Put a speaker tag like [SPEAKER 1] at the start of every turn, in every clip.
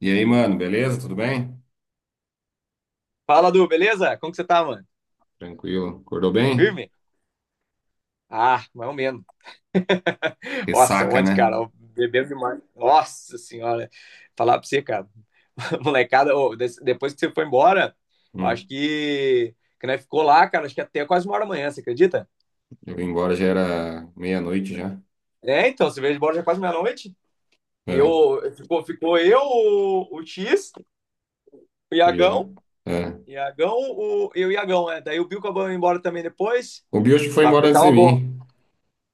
[SPEAKER 1] E aí, mano, beleza? Tudo bem?
[SPEAKER 2] Fala, Du, beleza? Como que você tá, mano?
[SPEAKER 1] Tranquilo. Acordou bem?
[SPEAKER 2] Firme? Ah, mais ou menos. Nossa,
[SPEAKER 1] Ressaca,
[SPEAKER 2] ontem,
[SPEAKER 1] né?
[SPEAKER 2] cara, eu bebendo demais. Nossa senhora, falar pra você, cara, molecada, ô, depois que você foi embora, eu acho
[SPEAKER 1] Hum.
[SPEAKER 2] que nós ficou lá, cara, acho que até quase 1 hora da manhã, você acredita?
[SPEAKER 1] Eu vim embora, já era meia-noite já.
[SPEAKER 2] É, então, você veio embora já quase meia-noite.
[SPEAKER 1] É,
[SPEAKER 2] Eu, ficou eu, o X, o
[SPEAKER 1] fui a...
[SPEAKER 2] Iagão,
[SPEAKER 1] é.
[SPEAKER 2] Iagão, o, e o Iagão, né? Daí o Bill acabou indo embora também depois,
[SPEAKER 1] O Bicho foi
[SPEAKER 2] mas pra
[SPEAKER 1] embora
[SPEAKER 2] mim
[SPEAKER 1] antes
[SPEAKER 2] tava
[SPEAKER 1] de
[SPEAKER 2] bom.
[SPEAKER 1] mim.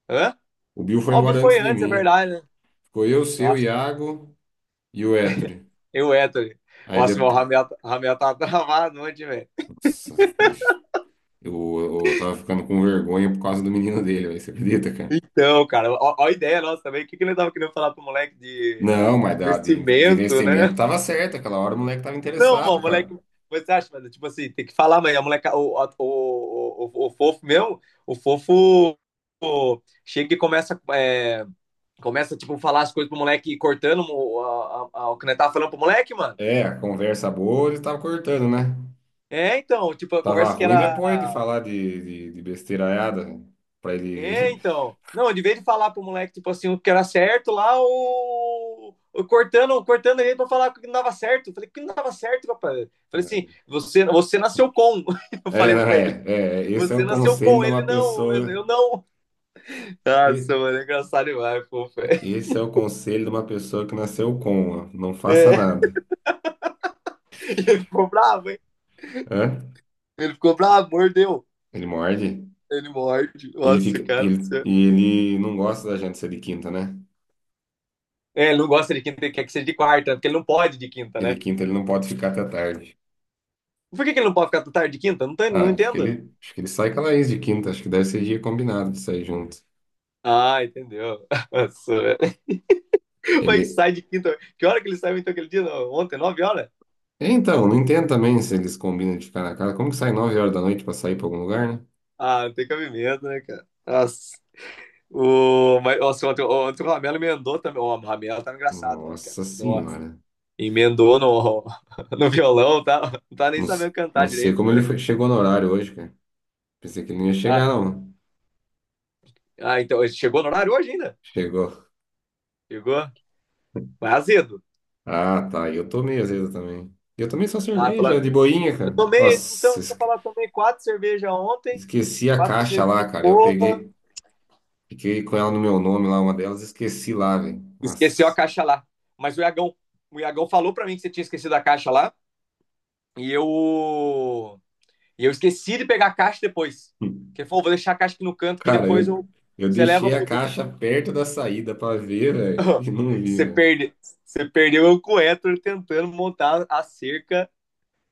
[SPEAKER 2] Hã?
[SPEAKER 1] O Bill foi
[SPEAKER 2] Ah, o Bill
[SPEAKER 1] embora antes
[SPEAKER 2] foi
[SPEAKER 1] de
[SPEAKER 2] antes, é
[SPEAKER 1] mim.
[SPEAKER 2] verdade, né?
[SPEAKER 1] Ficou eu, seu,
[SPEAKER 2] Nossa,
[SPEAKER 1] Iago e o Etri.
[SPEAKER 2] eu o Ettore.
[SPEAKER 1] Aí
[SPEAKER 2] Nossa, mas
[SPEAKER 1] depois.
[SPEAKER 2] Ramel tava travado ontem, velho.
[SPEAKER 1] Nossa, Eu, eu tava ficando com vergonha por causa do menino dele, velho. Você acredita, cara?
[SPEAKER 2] Então, cara, ó a ideia nossa também. O que ele tava querendo falar pro moleque de
[SPEAKER 1] Não, mas de
[SPEAKER 2] investimento,
[SPEAKER 1] investimento
[SPEAKER 2] né?
[SPEAKER 1] tava certo. Aquela hora o moleque tava
[SPEAKER 2] Não, mano,
[SPEAKER 1] interessado, cara.
[SPEAKER 2] moleque. Você acha, mano? Tipo assim, tem que falar, mas a moleca, o, a- o, o fofo mesmo, o fofo chega e começa, é, começa, tipo, falar as coisas pro moleque, cortando o, a- o que nós tava falando pro moleque, mano.
[SPEAKER 1] É, a conversa boa ele tava cortando, né?
[SPEAKER 2] É, então, tipo, a
[SPEAKER 1] Tava
[SPEAKER 2] conversa que
[SPEAKER 1] ruim
[SPEAKER 2] era
[SPEAKER 1] depois de falar de besteiraiada. Pra
[SPEAKER 2] É,
[SPEAKER 1] ele.
[SPEAKER 2] então. Não, de vez de falar pro moleque, tipo assim, o que era certo lá, cortando ele pra falar que não dava certo. Eu falei, que não dava certo, rapaz. Eu falei assim, você nasceu com. Eu
[SPEAKER 1] É,
[SPEAKER 2] falei
[SPEAKER 1] não
[SPEAKER 2] pra
[SPEAKER 1] é,
[SPEAKER 2] ele,
[SPEAKER 1] é. Esse é
[SPEAKER 2] você
[SPEAKER 1] o
[SPEAKER 2] nasceu
[SPEAKER 1] conselho
[SPEAKER 2] com
[SPEAKER 1] de
[SPEAKER 2] ele,
[SPEAKER 1] uma
[SPEAKER 2] não,
[SPEAKER 1] pessoa.
[SPEAKER 2] eu não.
[SPEAKER 1] e-
[SPEAKER 2] Nossa, mano, é engraçado demais, fofo.
[SPEAKER 1] Esse é o conselho de uma pessoa que nasceu com, ó, não faça
[SPEAKER 2] É,
[SPEAKER 1] nada.
[SPEAKER 2] ele ficou bravo, hein?
[SPEAKER 1] Hã?
[SPEAKER 2] Ele ficou bravo, mordeu.
[SPEAKER 1] Ele morde.
[SPEAKER 2] Ele morde.
[SPEAKER 1] Ele
[SPEAKER 2] Nossa,
[SPEAKER 1] fica.
[SPEAKER 2] cara do
[SPEAKER 1] Ele,
[SPEAKER 2] céu.
[SPEAKER 1] e ele não gosta da gente ser de quinta, né?
[SPEAKER 2] É, ele não gosta de quinta, ele quer que seja de quarta, porque ele não pode de quinta,
[SPEAKER 1] Porque de
[SPEAKER 2] né?
[SPEAKER 1] quinta ele não pode ficar até tarde.
[SPEAKER 2] Por que que ele não pode ficar tarde de quinta? Não, não
[SPEAKER 1] Ah, acho que
[SPEAKER 2] entendo.
[SPEAKER 1] ele, acho que ele sai com a Laís de quinta. Acho que deve ser dia combinado de sair junto.
[SPEAKER 2] Ah, entendeu. Nossa, mas
[SPEAKER 1] Ele.
[SPEAKER 2] sai de quinta. Que hora que ele saiu então aquele dia? Não, ontem, 9 horas?
[SPEAKER 1] É, então, não entendo também se eles combinam de ficar na casa. Como que sai 9 horas da noite para sair para algum lugar, né?
[SPEAKER 2] Ah, não tem cabimento, né, cara? Nossa. O, mas, nossa, ontem o Ramelo emendou também. O Ramelo tá engraçado ontem, cara.
[SPEAKER 1] Nossa
[SPEAKER 2] Nossa.
[SPEAKER 1] senhora.
[SPEAKER 2] Emendou no, no violão, tá? Não tá nem
[SPEAKER 1] Não,
[SPEAKER 2] sabendo cantar
[SPEAKER 1] não sei
[SPEAKER 2] direito,
[SPEAKER 1] como ele
[SPEAKER 2] mano.
[SPEAKER 1] chegou no horário hoje, cara. Pensei que ele não ia
[SPEAKER 2] Ah,
[SPEAKER 1] chegar, não.
[SPEAKER 2] ah, então, ele chegou no horário hoje ainda?
[SPEAKER 1] Chegou.
[SPEAKER 2] Chegou? Mas azedo.
[SPEAKER 1] Ah, tá. E eu tomei azedo também. E eu tomei só
[SPEAKER 2] Ah,
[SPEAKER 1] cerveja
[SPEAKER 2] falaram,
[SPEAKER 1] de boinha,
[SPEAKER 2] eu
[SPEAKER 1] cara.
[SPEAKER 2] tomei, então,
[SPEAKER 1] Nossa,
[SPEAKER 2] se eu falar, tomei 4 cervejas ontem,
[SPEAKER 1] esqueci a
[SPEAKER 2] quatro
[SPEAKER 1] caixa
[SPEAKER 2] cervejinhas
[SPEAKER 1] lá,
[SPEAKER 2] de
[SPEAKER 1] cara. Eu
[SPEAKER 2] boa.
[SPEAKER 1] peguei, fiquei com ela no meu nome lá, uma delas, esqueci lá, velho.
[SPEAKER 2] Esqueceu a
[SPEAKER 1] Nossa.
[SPEAKER 2] caixa lá. Mas o Iagão falou para mim que você tinha esquecido a caixa lá. E eu. E eu esqueci de pegar a caixa depois. Que ele falou, vou deixar a caixa aqui no canto que
[SPEAKER 1] Cara,
[SPEAKER 2] depois eu.
[SPEAKER 1] eu
[SPEAKER 2] Você leva
[SPEAKER 1] deixei a
[SPEAKER 2] pro.
[SPEAKER 1] caixa perto da saída pra ver, velho. E não vi,
[SPEAKER 2] você,
[SPEAKER 1] velho.
[SPEAKER 2] perde... você perdeu eu com o Héctor tentando montar a cerca.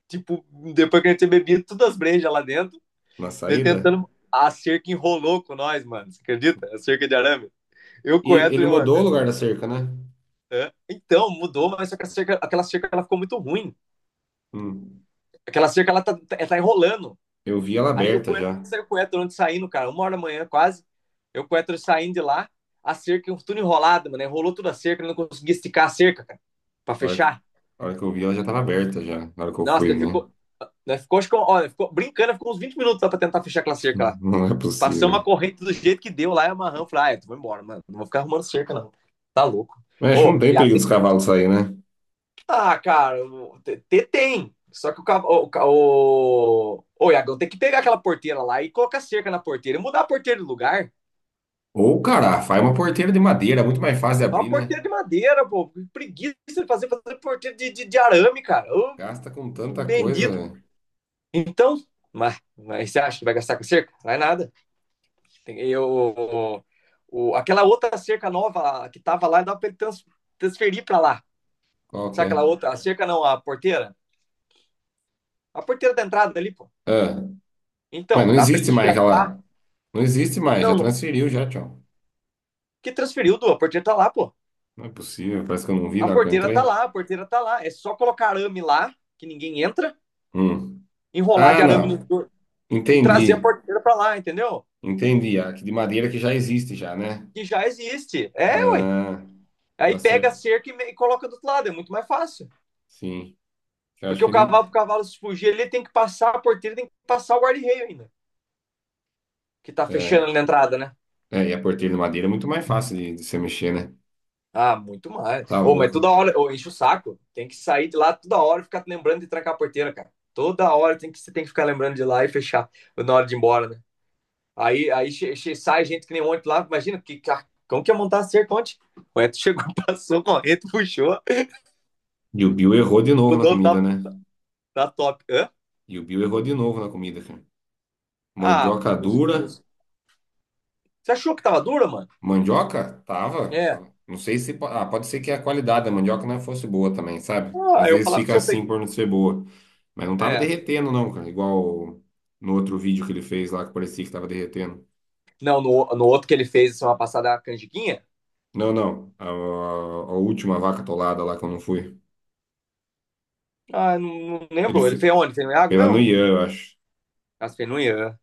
[SPEAKER 2] Tipo, depois que a gente tinha bebido todas as brejas lá dentro,
[SPEAKER 1] Na
[SPEAKER 2] né,
[SPEAKER 1] saída.
[SPEAKER 2] tentando a cerca enrolou com nós, mano. Você acredita? A cerca de arame. Eu
[SPEAKER 1] E
[SPEAKER 2] com o
[SPEAKER 1] ele
[SPEAKER 2] Héctor, mano.
[SPEAKER 1] mudou o lugar da cerca, né?
[SPEAKER 2] Então, mudou, mas só que a cerca, aquela cerca ela ficou muito ruim.
[SPEAKER 1] Hum.
[SPEAKER 2] Aquela cerca ela tá enrolando.
[SPEAKER 1] Eu vi ela
[SPEAKER 2] Aí o
[SPEAKER 1] aberta
[SPEAKER 2] Coetro
[SPEAKER 1] já.
[SPEAKER 2] saiu o Coetro antes saindo, cara, 1 hora da manhã quase. Eu o Coetro saindo de lá, a cerca, tudo enrolado, mano. Enrolou toda a cerca, não conseguia esticar a cerca, cara, pra
[SPEAKER 1] A hora que,
[SPEAKER 2] fechar.
[SPEAKER 1] a hora que eu vi, ela já estava aberta já, na hora que eu
[SPEAKER 2] Nossa,
[SPEAKER 1] fui,
[SPEAKER 2] ele
[SPEAKER 1] né?
[SPEAKER 2] ficou. Nós ficou, acho que, olha, ficou brincando, ficou uns 20 minutos lá pra tentar fechar aquela cerca lá.
[SPEAKER 1] Não é
[SPEAKER 2] Passamos uma
[SPEAKER 1] possível.
[SPEAKER 2] corrente do jeito que deu lá e amarramos. Falei, ah, eu vou embora, mano. Não vou ficar arrumando cerca, não. Tá louco.
[SPEAKER 1] Mas acho que
[SPEAKER 2] Ô,
[SPEAKER 1] não tem
[SPEAKER 2] e a,
[SPEAKER 1] perigo dos cavalos sair, né?
[SPEAKER 2] ah, cara, tem. Só que o, cav- o, ca- o Iagão tem que pegar aquela porteira lá e colocar cerca na porteira e mudar a porteira de lugar.
[SPEAKER 1] Ou, cara, faz uma porteira de madeira, muito mais fácil de
[SPEAKER 2] É uma
[SPEAKER 1] abrir, né?
[SPEAKER 2] porteira de madeira, pô. Que preguiça de fazer, porteira de arame, cara. Ô,
[SPEAKER 1] Gasta com tanta coisa,
[SPEAKER 2] bendito.
[SPEAKER 1] velho.
[SPEAKER 2] Então, mas você acha que vai gastar com cerca? Não é nada. Tem- Eu, aquela outra cerca nova que tava lá, dá pra ele transferir pra lá.
[SPEAKER 1] Qual que
[SPEAKER 2] Sabe
[SPEAKER 1] é?
[SPEAKER 2] aquela outra? A cerca não, a porteira? A porteira da entrada ali, pô.
[SPEAKER 1] Ah, mas
[SPEAKER 2] Então,
[SPEAKER 1] não
[SPEAKER 2] dá pra ele
[SPEAKER 1] existe mais
[SPEAKER 2] tirar.
[SPEAKER 1] aquela. Não existe mais, já
[SPEAKER 2] Não
[SPEAKER 1] transferiu, já, tchau.
[SPEAKER 2] que transferiu, do A porteira tá lá, pô.
[SPEAKER 1] Não é possível, parece que eu não vi
[SPEAKER 2] A
[SPEAKER 1] na hora que eu
[SPEAKER 2] porteira tá
[SPEAKER 1] entrei.
[SPEAKER 2] lá, a porteira tá lá. É só colocar arame lá, que ninguém entra,
[SPEAKER 1] Hum.
[SPEAKER 2] enrolar de
[SPEAKER 1] Ah,
[SPEAKER 2] arame
[SPEAKER 1] não.
[SPEAKER 2] no e trazer a
[SPEAKER 1] Entendi.
[SPEAKER 2] porteira pra lá, entendeu?
[SPEAKER 1] Entendi. A que de madeira que já existe já, né?
[SPEAKER 2] Que já existe. É, ué.
[SPEAKER 1] Ah, dá
[SPEAKER 2] Aí pega a
[SPEAKER 1] certo.
[SPEAKER 2] cerca e coloca do outro lado, é muito mais fácil.
[SPEAKER 1] Sim. Eu acho
[SPEAKER 2] Porque o
[SPEAKER 1] que não.
[SPEAKER 2] cavalo, pro cavalo se fugir, ele tem que passar a porteira, tem que passar o guarda-reio ainda, que tá fechando
[SPEAKER 1] É.
[SPEAKER 2] ali na entrada, né?
[SPEAKER 1] É, e a porteira de madeira é muito mais fácil de você mexer, né?
[SPEAKER 2] Ah, muito mais.
[SPEAKER 1] Tá
[SPEAKER 2] Ô, mas
[SPEAKER 1] louco.
[SPEAKER 2] toda hora, ô, enche o saco. Tem que sair de lá toda hora e ficar lembrando de trancar a porteira, cara. Toda hora tem que, você tem que ficar lembrando de lá e fechar na hora de ir embora, né? Aí, sai gente que nem ontem lá, imagina, que como que ia montar cerca ontem. O Eto chegou, passou correndo, puxou.
[SPEAKER 1] E o Bill errou de
[SPEAKER 2] O
[SPEAKER 1] novo na
[SPEAKER 2] dono
[SPEAKER 1] comida,
[SPEAKER 2] tá,
[SPEAKER 1] né?
[SPEAKER 2] tá, tá top. Hã?
[SPEAKER 1] E o Bill errou de novo na comida, cara.
[SPEAKER 2] Ah,
[SPEAKER 1] Mandioca dura.
[SPEAKER 2] você achou que tava dura, mano?
[SPEAKER 1] Mandioca? Tava.
[SPEAKER 2] É.
[SPEAKER 1] Tava. Não sei se. Ah, pode ser que a qualidade da mandioca não fosse boa também, sabe?
[SPEAKER 2] Ah,
[SPEAKER 1] Às
[SPEAKER 2] eu
[SPEAKER 1] vezes
[SPEAKER 2] falar pro
[SPEAKER 1] fica
[SPEAKER 2] seu, eu
[SPEAKER 1] assim
[SPEAKER 2] peguei.
[SPEAKER 1] por não ser boa. Mas não tava
[SPEAKER 2] É.
[SPEAKER 1] derretendo, não, cara. Igual no outro vídeo que ele fez lá que parecia que tava derretendo.
[SPEAKER 2] Não, no outro que ele fez semana passada, a canjiquinha.
[SPEAKER 1] Não, não. A última vaca atolada lá que eu não fui.
[SPEAKER 2] Ah, não
[SPEAKER 1] Ele
[SPEAKER 2] lembro. Ele fez onde? Fez no Iago
[SPEAKER 1] fez lá no
[SPEAKER 2] mesmo?
[SPEAKER 1] Ian, eu acho.
[SPEAKER 2] Ah, fez no Ian.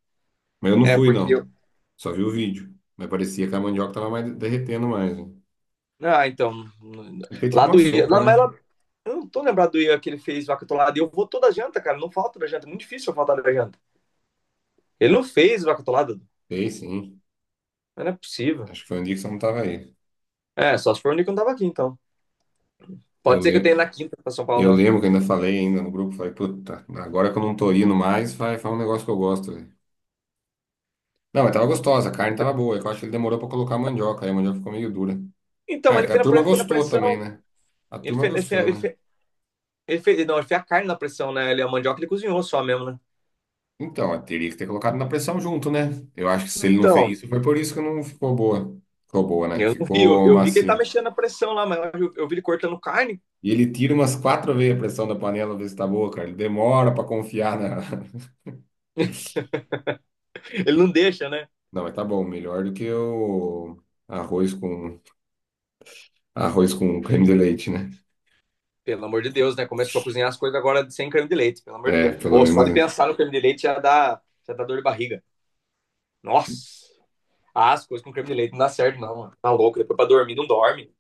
[SPEAKER 1] Mas eu não
[SPEAKER 2] É,
[SPEAKER 1] fui,
[SPEAKER 2] porque eu.
[SPEAKER 1] não. Só vi o vídeo. Mas parecia que a mandioca tava mais derretendo mais, né?
[SPEAKER 2] Ah, então.
[SPEAKER 1] Ele fez tipo
[SPEAKER 2] Lá
[SPEAKER 1] uma
[SPEAKER 2] do Ian.
[SPEAKER 1] sopa, né?
[SPEAKER 2] Lá, eu não tô lembrado do Ian que ele fez vaca atolada. E eu vou toda janta, cara. Não falta da janta. É muito difícil eu faltar da janta. Ele não fez o Acatolado?
[SPEAKER 1] Fez, sim.
[SPEAKER 2] Não é possível.
[SPEAKER 1] Acho que foi um dia que você não tava aí.
[SPEAKER 2] É, só se for o Nico não tava aqui, então. Pode
[SPEAKER 1] Eu,
[SPEAKER 2] ser que eu
[SPEAKER 1] le...
[SPEAKER 2] tenha na quinta pra São Paulo,
[SPEAKER 1] eu
[SPEAKER 2] né?
[SPEAKER 1] lembro que ainda falei ainda no grupo, falei, puta, agora que eu não tô indo mais, vai, faz um negócio que eu gosto, velho. Não, mas tava gostosa, a carne tava boa. É que eu acho que ele demorou pra colocar a mandioca, aí a mandioca ficou meio dura.
[SPEAKER 2] Então,
[SPEAKER 1] É,
[SPEAKER 2] mas
[SPEAKER 1] que
[SPEAKER 2] ele
[SPEAKER 1] a turma
[SPEAKER 2] fez na
[SPEAKER 1] gostou também,
[SPEAKER 2] pressão.
[SPEAKER 1] né? A
[SPEAKER 2] Ele
[SPEAKER 1] turma
[SPEAKER 2] fez, ele, fez,
[SPEAKER 1] gostou,
[SPEAKER 2] ele,
[SPEAKER 1] né?
[SPEAKER 2] fez, Não, ele fez a carne na pressão, né? Ele, a mandioca ele cozinhou só mesmo, né?
[SPEAKER 1] Então, eu teria que ter colocado na pressão junto, né? Eu acho que se ele não fez
[SPEAKER 2] Então.
[SPEAKER 1] isso, foi por isso que não ficou boa. Ficou boa, né?
[SPEAKER 2] Eu não vi, eu,
[SPEAKER 1] Ficou
[SPEAKER 2] eu vi que ele tá
[SPEAKER 1] macia.
[SPEAKER 2] mexendo na pressão lá, mas eu vi ele cortando carne.
[SPEAKER 1] E ele tira umas quatro vezes a pressão da panela, ver se tá boa, cara. Ele demora pra confiar na.
[SPEAKER 2] Ele não deixa, né?
[SPEAKER 1] Não, mas tá bom, melhor do que o arroz com arroz com creme de leite, né?
[SPEAKER 2] Pelo amor de Deus, né? Começou a cozinhar as coisas agora sem creme de leite, pelo amor de
[SPEAKER 1] É,
[SPEAKER 2] Deus.
[SPEAKER 1] pelo
[SPEAKER 2] Ou só de
[SPEAKER 1] menos.
[SPEAKER 2] pensar no creme de leite já dá dor de barriga. Nossa! Ah, as coisas com creme de leite não dá certo, não, mano. Tá louco, depois pra dormir não dorme.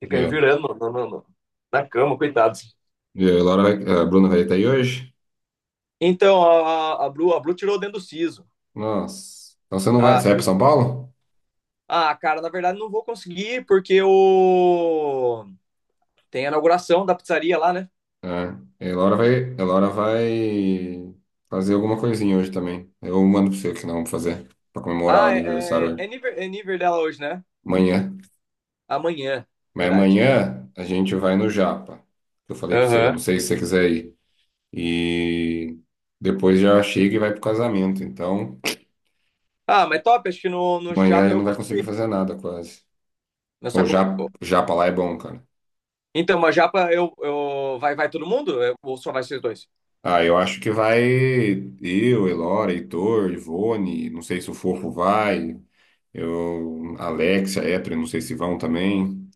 [SPEAKER 2] Fica aí
[SPEAKER 1] É.
[SPEAKER 2] virando na cama, coitados.
[SPEAKER 1] E a Laura vai... a Bruna vai estar aí hoje?
[SPEAKER 2] Então, a Bru tirou dentro do siso.
[SPEAKER 1] Nossa. Então você não vai.
[SPEAKER 2] Ah,
[SPEAKER 1] Você vai pra
[SPEAKER 2] tirou.
[SPEAKER 1] São Paulo?
[SPEAKER 2] Ah, cara, na verdade não vou conseguir, porque o... tem a inauguração da pizzaria lá, né?
[SPEAKER 1] É. A Laura vai fazer alguma coisinha hoje também. Eu mando pra você o que não vamos fazer. Pra comemorar o
[SPEAKER 2] Ah,
[SPEAKER 1] aniversário hoje.
[SPEAKER 2] é nível dela hoje, né?
[SPEAKER 1] Amanhã.
[SPEAKER 2] Amanhã,
[SPEAKER 1] Mas
[SPEAKER 2] verdade.
[SPEAKER 1] amanhã a gente vai no Japa. Eu falei pra você, não
[SPEAKER 2] Aham.
[SPEAKER 1] sei se você quiser ir. E depois já chega e vai pro casamento. Então,
[SPEAKER 2] Ah, mas top, acho que no
[SPEAKER 1] amanhã
[SPEAKER 2] Japa
[SPEAKER 1] ele
[SPEAKER 2] eu
[SPEAKER 1] não vai
[SPEAKER 2] consigo
[SPEAKER 1] conseguir
[SPEAKER 2] ir.
[SPEAKER 1] fazer nada quase.
[SPEAKER 2] Mas só
[SPEAKER 1] Ou
[SPEAKER 2] que
[SPEAKER 1] já, já pra lá é bom, cara.
[SPEAKER 2] então, mas Japa vai, todo mundo? Ou só vai vocês dois?
[SPEAKER 1] Ah, eu acho que vai eu, Elora, Heitor, Ivone, não sei se o Fofo vai, eu, Alexia, Etri, não sei se vão também,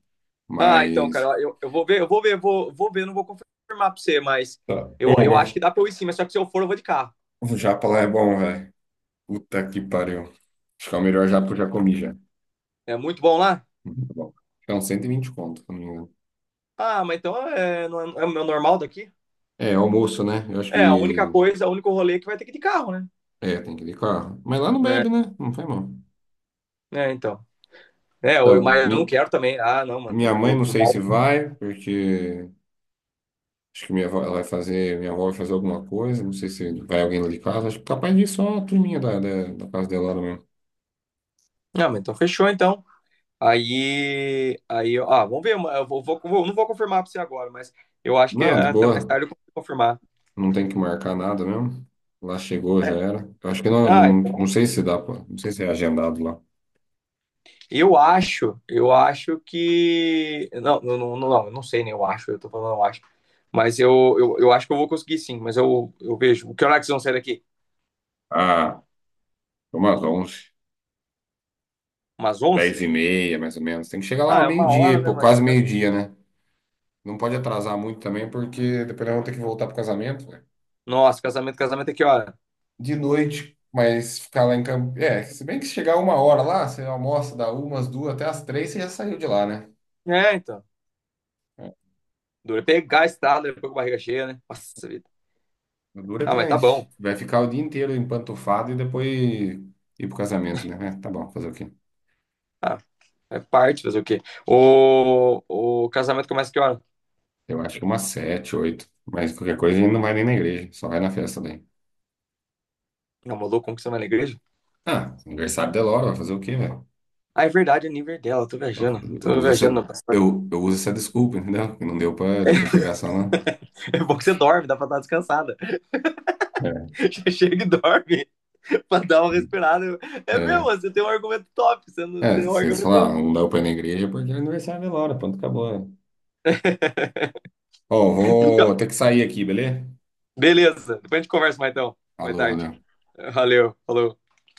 [SPEAKER 2] Ah, então,
[SPEAKER 1] mas.
[SPEAKER 2] cara, eu vou ver, vou ver, não vou confirmar pra você, mas
[SPEAKER 1] Tá.
[SPEAKER 2] eu acho
[SPEAKER 1] Ô,
[SPEAKER 2] que dá pra eu ir sim, mas só que se eu for, eu vou de carro.
[SPEAKER 1] o japa lá é bom, velho. Puta que pariu. Acho que é o melhor japa que eu já comi já.
[SPEAKER 2] É muito bom lá?
[SPEAKER 1] Muito bom. Acho que é uns 120 conto, se eu não me engano.
[SPEAKER 2] Ah, mas então é, não é, é o meu normal daqui?
[SPEAKER 1] É, almoço, né? Eu acho
[SPEAKER 2] É, a única
[SPEAKER 1] que
[SPEAKER 2] coisa, o único rolê é que vai ter que ir de carro, né?
[SPEAKER 1] é, tem que ir de carro. Mas lá não
[SPEAKER 2] É,
[SPEAKER 1] bebe, né? Não faz mal.
[SPEAKER 2] então. É, eu,
[SPEAKER 1] Então,
[SPEAKER 2] mas eu não quero também. Ah, não, mano,
[SPEAKER 1] minha mãe não sei se vai, porque acho que minha avó, ela vai fazer, minha avó vai fazer alguma coisa, não sei se vai alguém lá de casa, acho que capaz de ir só a turminha da casa dela lá mesmo.
[SPEAKER 2] não, mas então fechou, então. Aí, ó, ah, vamos ver, eu vou, vou, vou- não vou confirmar pra você agora, mas eu acho que é
[SPEAKER 1] Não, de
[SPEAKER 2] até mais
[SPEAKER 1] boa,
[SPEAKER 2] tarde eu consigo confirmar.
[SPEAKER 1] não tem que marcar nada mesmo. Lá chegou, já
[SPEAKER 2] É,
[SPEAKER 1] era. Eu acho que não,
[SPEAKER 2] ah,
[SPEAKER 1] não, não
[SPEAKER 2] então.
[SPEAKER 1] sei se dá, não sei se é agendado lá.
[SPEAKER 2] Eu acho que. Não, não, não, não, eu não sei, né? Eu acho, eu tô falando, eu acho. Mas eu acho que eu vou conseguir sim, mas eu vejo. Que hora que vocês vão sair daqui?
[SPEAKER 1] Ah, umas 11,
[SPEAKER 2] Umas 11?
[SPEAKER 1] 10:30, mais ou menos. Tem que chegar lá
[SPEAKER 2] Ah,
[SPEAKER 1] uma
[SPEAKER 2] é 1 hora,
[SPEAKER 1] meio-dia,
[SPEAKER 2] né?
[SPEAKER 1] pô,
[SPEAKER 2] Mas...
[SPEAKER 1] quase meio-dia, né? Não pode atrasar muito também, porque depois nós vamos ter que voltar pro casamento, né?
[SPEAKER 2] Nossa, casamento, casamento é que hora?
[SPEAKER 1] De noite, mas ficar lá em Campo. É, se bem que se chegar uma hora lá, você almoça, dá umas duas até as três, você já saiu de lá, né?
[SPEAKER 2] É, então.
[SPEAKER 1] É,
[SPEAKER 2] Dura é pegar a estrada, depois com a barriga cheia, né? Nossa vida.
[SPEAKER 1] o duro é
[SPEAKER 2] Ah, mas
[SPEAKER 1] também
[SPEAKER 2] tá bom.
[SPEAKER 1] vai ficar o dia inteiro empantufado e depois ir pro casamento, né? É, tá bom, fazer o quê?
[SPEAKER 2] Ah, é parte, fazer o quê? O, o casamento começa que hora?
[SPEAKER 1] Eu acho que umas sete, oito. Mas qualquer coisa a gente não vai nem na igreja, só vai na festa daí.
[SPEAKER 2] Não, maluco, como que você vai na igreja?
[SPEAKER 1] Ah, aniversário da Laura, vai fazer o quê, velho?
[SPEAKER 2] Ah, é verdade, é nível dela, eu tô
[SPEAKER 1] Eu,
[SPEAKER 2] viajando.
[SPEAKER 1] eu
[SPEAKER 2] Tô
[SPEAKER 1] uso
[SPEAKER 2] viajando na
[SPEAKER 1] essa, eu uso essa desculpa, entendeu? Que não deu pra, deu pra chegar só na.
[SPEAKER 2] É bom que você dorme, dá pra estar descansada. Já chega e dorme pra dar uma respirada.
[SPEAKER 1] É,
[SPEAKER 2] É mesmo,
[SPEAKER 1] é,
[SPEAKER 2] você tem um argumento top, você não
[SPEAKER 1] é,
[SPEAKER 2] tem um
[SPEAKER 1] vocês
[SPEAKER 2] argumento.
[SPEAKER 1] falaram, não deu pra ir na igreja é porque é aniversário da Laura, pronto, acabou. É. Ó, vou ter que sair aqui, beleza?
[SPEAKER 2] Beleza, depois a gente conversa mais então. Boa
[SPEAKER 1] Falou,
[SPEAKER 2] tarde.
[SPEAKER 1] valeu.
[SPEAKER 2] Valeu, falou.